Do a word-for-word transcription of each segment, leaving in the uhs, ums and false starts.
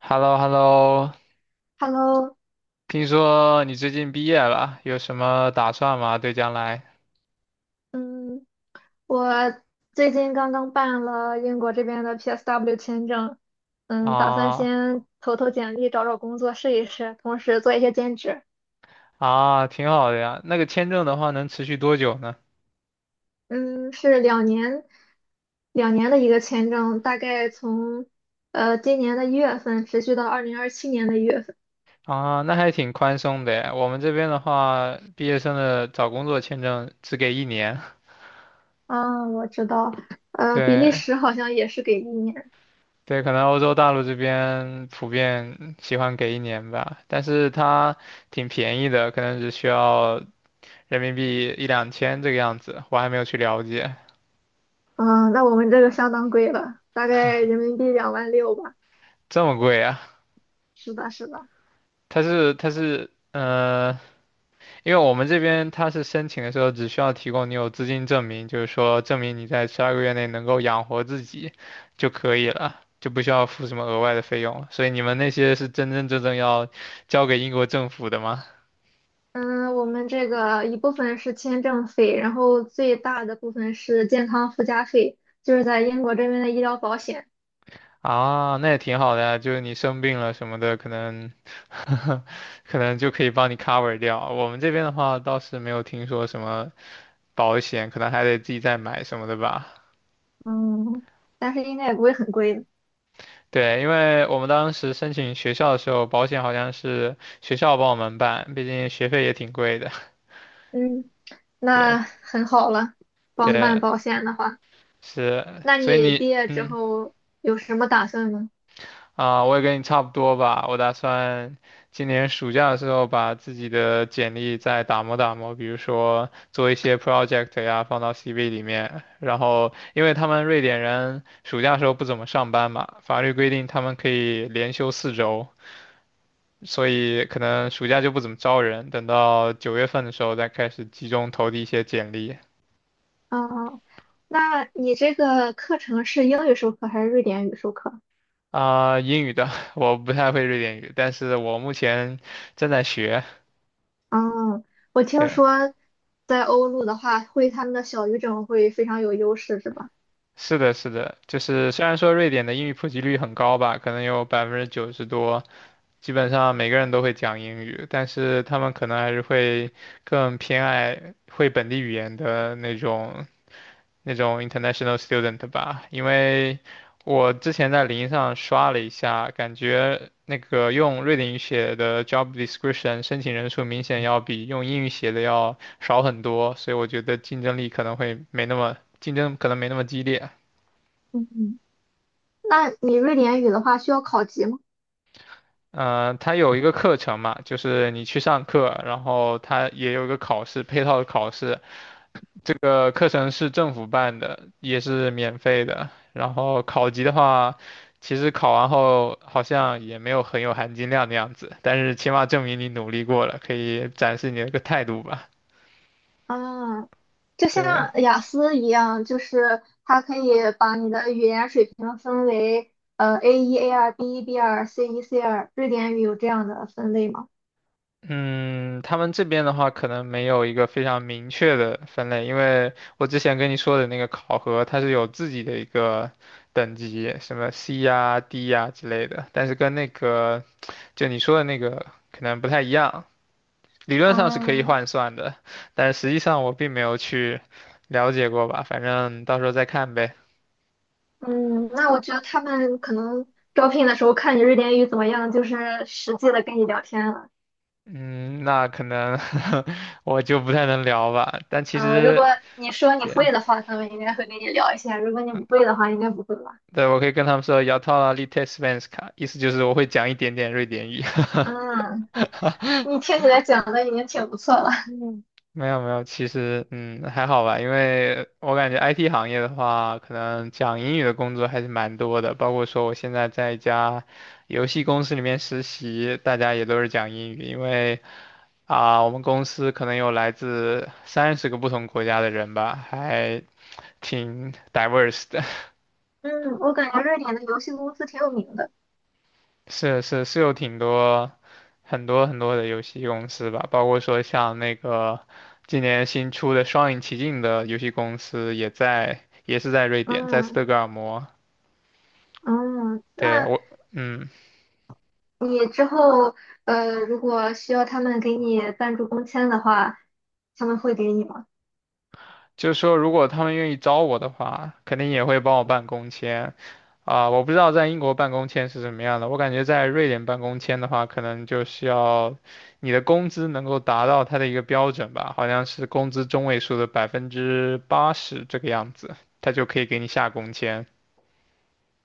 h e l l o h e l l o Hello，听说你最近毕业了，有什么打算吗？对将来？嗯，我最近刚刚办了英国这边的 P S W 签证，嗯，打算啊先投投简历，找找工作试一试，同时做一些兼职。啊，挺好的呀。那个签证的话能持续多久呢？嗯，是两年两年的一个签证，大概从呃今年的一月份持续到二零二七年的一月份。啊，那还挺宽松的耶。我们这边的话，毕业生的找工作签证只给一年。啊，我知道，呃，比利对时好像也是给一年，对，可能欧洲大陆这边普遍喜欢给一年吧，但是它挺便宜的，可能只需要人民币一两千这个样子。我还没有去了解。嗯，那我们这个相当贵了，大概人民币两万六吧。这么贵啊。是的，是的。它是它是呃，因为我们这边它是申请的时候只需要提供你有资金证明，就是说证明你在十二个月内能够养活自己就可以了，就不需要付什么额外的费用了。所以你们那些是真真正正要交给英国政府的吗？嗯，我们这个一部分是签证费，然后最大的部分是健康附加费，就是在英国这边的医疗保险。啊，那也挺好的呀，就是你生病了什么的，可能 可能就可以帮你 cover 掉。我们这边的话倒是没有听说什么保险，可能还得自己再买什么的吧。嗯，但是应该也不会很贵的。对，因为我们当时申请学校的时候，保险好像是学校帮我们办，毕竟学费也挺贵的。嗯，对那很好了，帮对，办保险的话，是，那所以你你毕业之后有什么打算呢？啊、我也跟你差不多吧。我打算今年暑假的时候把自己的简历再打磨打磨，比如说做一些 project 呀，放到 C V 里面。然后，因为他们瑞典人暑假时候不怎么上班嘛，法律规定他们可以连休四周，所以可能暑假就不怎么招人，等到九月份的时候再开始集中投递一些简历。哦，那你这个课程是英语授课还是瑞典语授课？啊、英语的 我不太会瑞典语，但是我目前正在学。哦，我听对，说在欧陆的话，会他们的小语种会非常有优势，是吧？是的，是的，就是虽然说瑞典的英语普及率很高吧，可能有百分之九十多，基本上每个人都会讲英语，但是他们可能还是会更偏爱会本地语言的那种那种 international student 吧，因为我之前在零上刷了一下，感觉那个用瑞典语写的 job description 申请人数明显要比用英语写的要少很多，所以我觉得竞争力可能会没那么竞争可能没那么激烈。嗯，那你瑞典语的话需要考级吗？嗯，它有一个课程嘛，就是你去上课，然后它也有一个考试，配套的考试，这个课程是政府办的，也是免费的。然后考级的话，其实考完后好像也没有很有含金量的样子，但是起码证明你努力过了，可以展示你的一个态度吧。啊，就对，像雅思一样，就是它可以把你的语言水平分为呃 A 一、A 二、B 一、B 二、C 一、C 二。瑞典语有这样的分类吗？嗯，他们这边的话可能没有一个非常明确的分类，因为我之前跟你说的那个考核，它是有自己的一个等级，什么 C 呀、D 呀之类的，但是跟那个就你说的那个可能不太一样。理论上是可以啊，换算的，但实际上我并没有去了解过吧，反正到时候再看呗。嗯，那我觉得他们可能招聘的时候看你瑞典语怎么样，就是实际的跟你聊天了。嗯，那可能 我就不太能聊吧，但其嗯，如果实你说你对会的话，他们应该会跟你聊一下；如果你不会的话，应该不会吧？对，我可以跟他们说 "jag talar lite svenska"，意思就是我会讲一点点瑞典语。嗯，你听起来讲的已经挺不错了。嗯没有没有，其实嗯还好吧，因为我感觉 I T 行业的话，可能讲英语的工作还是蛮多的，包括说我现在在一家游戏公司里面实习，大家也都是讲英语，因为啊、我们公司可能有来自三十个不同国家的人吧，还挺 diverse 的。嗯，我感觉瑞典的游戏公司挺有名的。是是是有挺多很多很多的游戏公司吧，包括说像那个今年新出的《双影奇境》的游戏公司也在也是在瑞典，在斯嗯德哥尔摩。嗯，对那我，嗯。你之后呃，如果需要他们给你赞助工签的话，他们会给你吗？就是说，如果他们愿意招我的话，肯定也会帮我办工签。啊、我不知道在英国办工签是什么样的，我感觉在瑞典办工签的话，可能就是要你的工资能够达到它的一个标准吧，好像是工资中位数的百分之八十这个样子，他就可以给你下工签。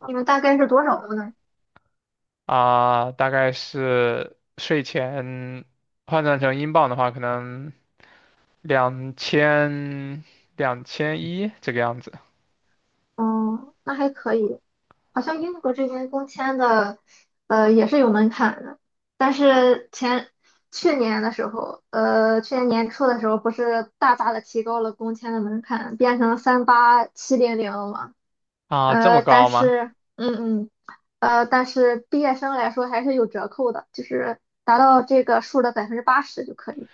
你们大概是多少个呢？啊、大概是税前换算成英镑的话，可能两千两千一这个样子。哦，那还可以。好像英国这边工签的呃也是有门槛的，但是前去年的时候，呃，去年年初的时候不是大大的提高了工签的门槛，变成三八七零零了。啊、这么呃，但高吗？是，嗯嗯。呃，但是毕业生来说还是有折扣的，就是达到这个数的百分之八十就可以，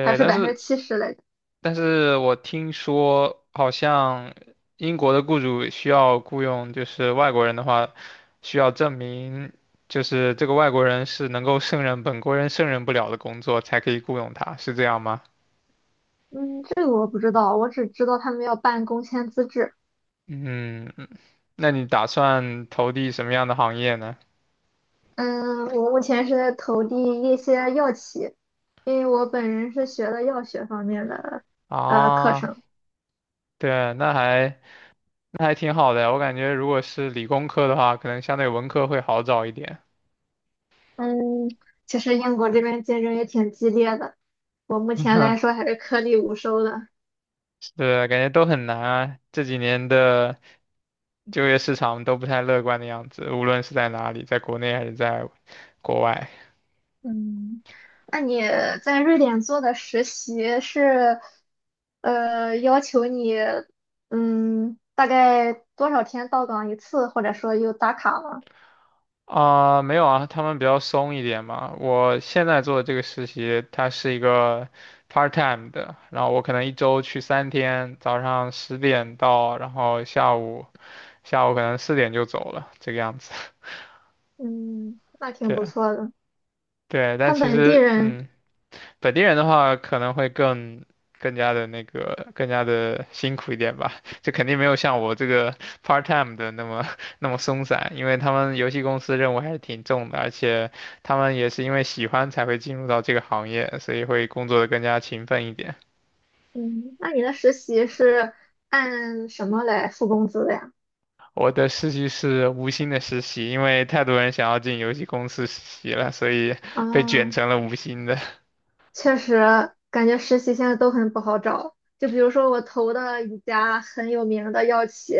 还是但百分之是七十来着。但是我听说好像英国的雇主需要雇佣就是外国人的话，需要证明就是这个外国人是能够胜任本国人胜任不了的工作才可以雇佣他，是这样吗？嗯，这个我不知道，我只知道他们要办工签资质。嗯，那你打算投递什么样的行业呢？嗯，我目前是在投递一些药企，因为我本人是学的药学方面的呃课啊，程。对，那还那还挺好的，我感觉如果是理工科的话，可能相对文科会好找一点。嗯，其实英国这边竞争也挺激烈的，我目前来说 还是颗粒无收的。是，感觉都很难啊，这几年的。就业市场都不太乐观的样子，无论是在哪里，在国内还是在国外。嗯，那你在瑞典做的实习是，呃，要求你，嗯，大概多少天到岗一次，或者说有打卡吗？啊、没有啊，他们比较松一点嘛。我现在做的这个实习，它是一个 part time 的，然后我可能一周去三天，早上十点到，然后下午下午可能四点就走了，这个样子。嗯，那 挺对不错的。对，但他其本地实人，嗯，本地人的话可能会更更加的那个更加的辛苦一点吧，就肯定没有像我这个 part time 的那么 那么松散，因为他们游戏公司任务还是挺重的，而且他们也是因为喜欢才会进入到这个行业，所以会工作的更加勤奋一点。嗯，那你的实习是按什么来付工资的呀？我的实习是无薪的实习，因为太多人想要进游戏公司实习了，所以被卷啊，成了无薪的。确实，感觉实习现在都很不好找。就比如说我投的一家很有名的药企，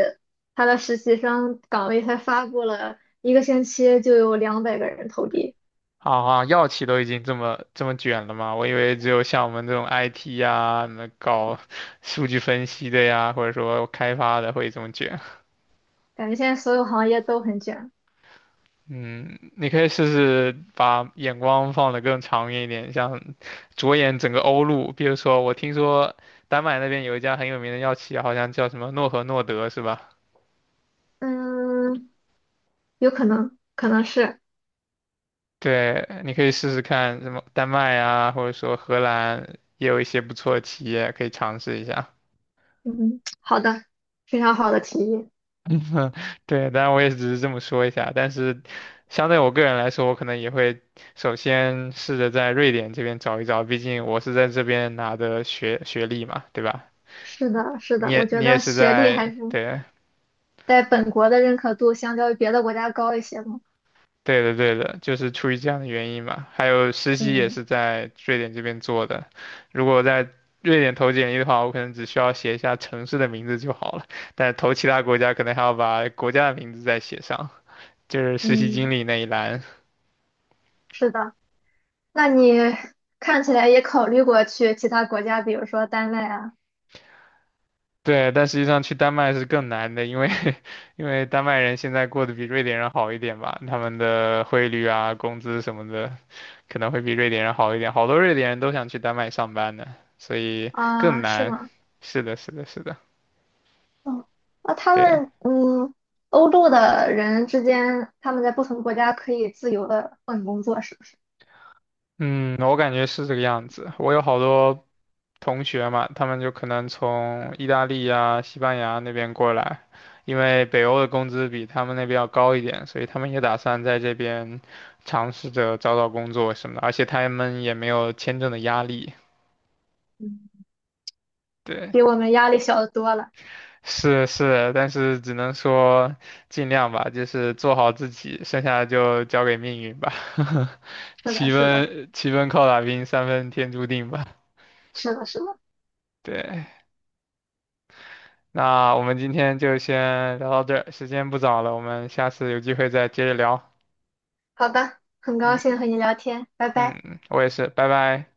它的实习生岗位才发布了一个星期就有两百个人投递，啊，啊！药企都已经这么这么卷了吗？我以为只有像我们这种 I T 呀、那搞 数据分析的呀，或者说开发的会这么卷。感觉现在所有行业都很卷。嗯，你可以试试把眼光放得更长远一点，像着眼整个欧陆。比如说，我听说丹麦那边有一家很有名的药企，好像叫什么诺和诺德，是吧？嗯，有可能，可能是，对，你可以试试看什么丹麦啊，或者说荷兰也有一些不错的企业可以尝试一下。嗯，好的，非常好的提议。嗯对，当然我也只是这么说一下，但是相对我个人来说，我可能也会首先试着在瑞典这边找一找，毕竟我是在这边拿的学学历嘛，对吧？是的，是你的，我也觉你也得是学历还在，是对，在本国的认可度相较于别的国家高一些嘛。对的对的，就是出于这样的原因嘛。还有实习也嗯是在瑞典这边做的，如果在瑞典投简历的话，我可能只需要写一下城市的名字就好了，但是投其他国家可能还要把国家的名字再写上，就是实习嗯，经历那一栏。是的。那你看起来也考虑过去其他国家，比如说丹麦啊？对，但实际上去丹麦是更难的，因为 因为丹麦人现在过得比瑞典人好一点吧，他们的汇率啊、工资什么的，可能会比瑞典人好一点。好多瑞典人都想去丹麦上班呢，所以更啊，是难。吗？是的，是的，是的，嗯，那他对。们嗯，欧洲的人之间，他们在不同国家可以自由的换工作，是不是？嗯，我感觉是这个样子。我有好多同学嘛，他们就可能从意大利呀、西班牙那边过来，因为北欧的工资比他们那边要高一点，所以他们也打算在这边尝试着找找工作什么的，而且他们也没有签证的压力。嗯，对，比我们压力小的多了。是是，但是只能说尽量吧，就是做好自己，剩下的就交给命运吧。是的，七是的，分七分靠打拼，三分天注定吧。是的，是的。对。那我们今天就先聊到这儿，时间不早了，我们下次有机会再接着聊。好的，很高嗯兴和你聊天，拜拜。嗯，我也是，拜拜。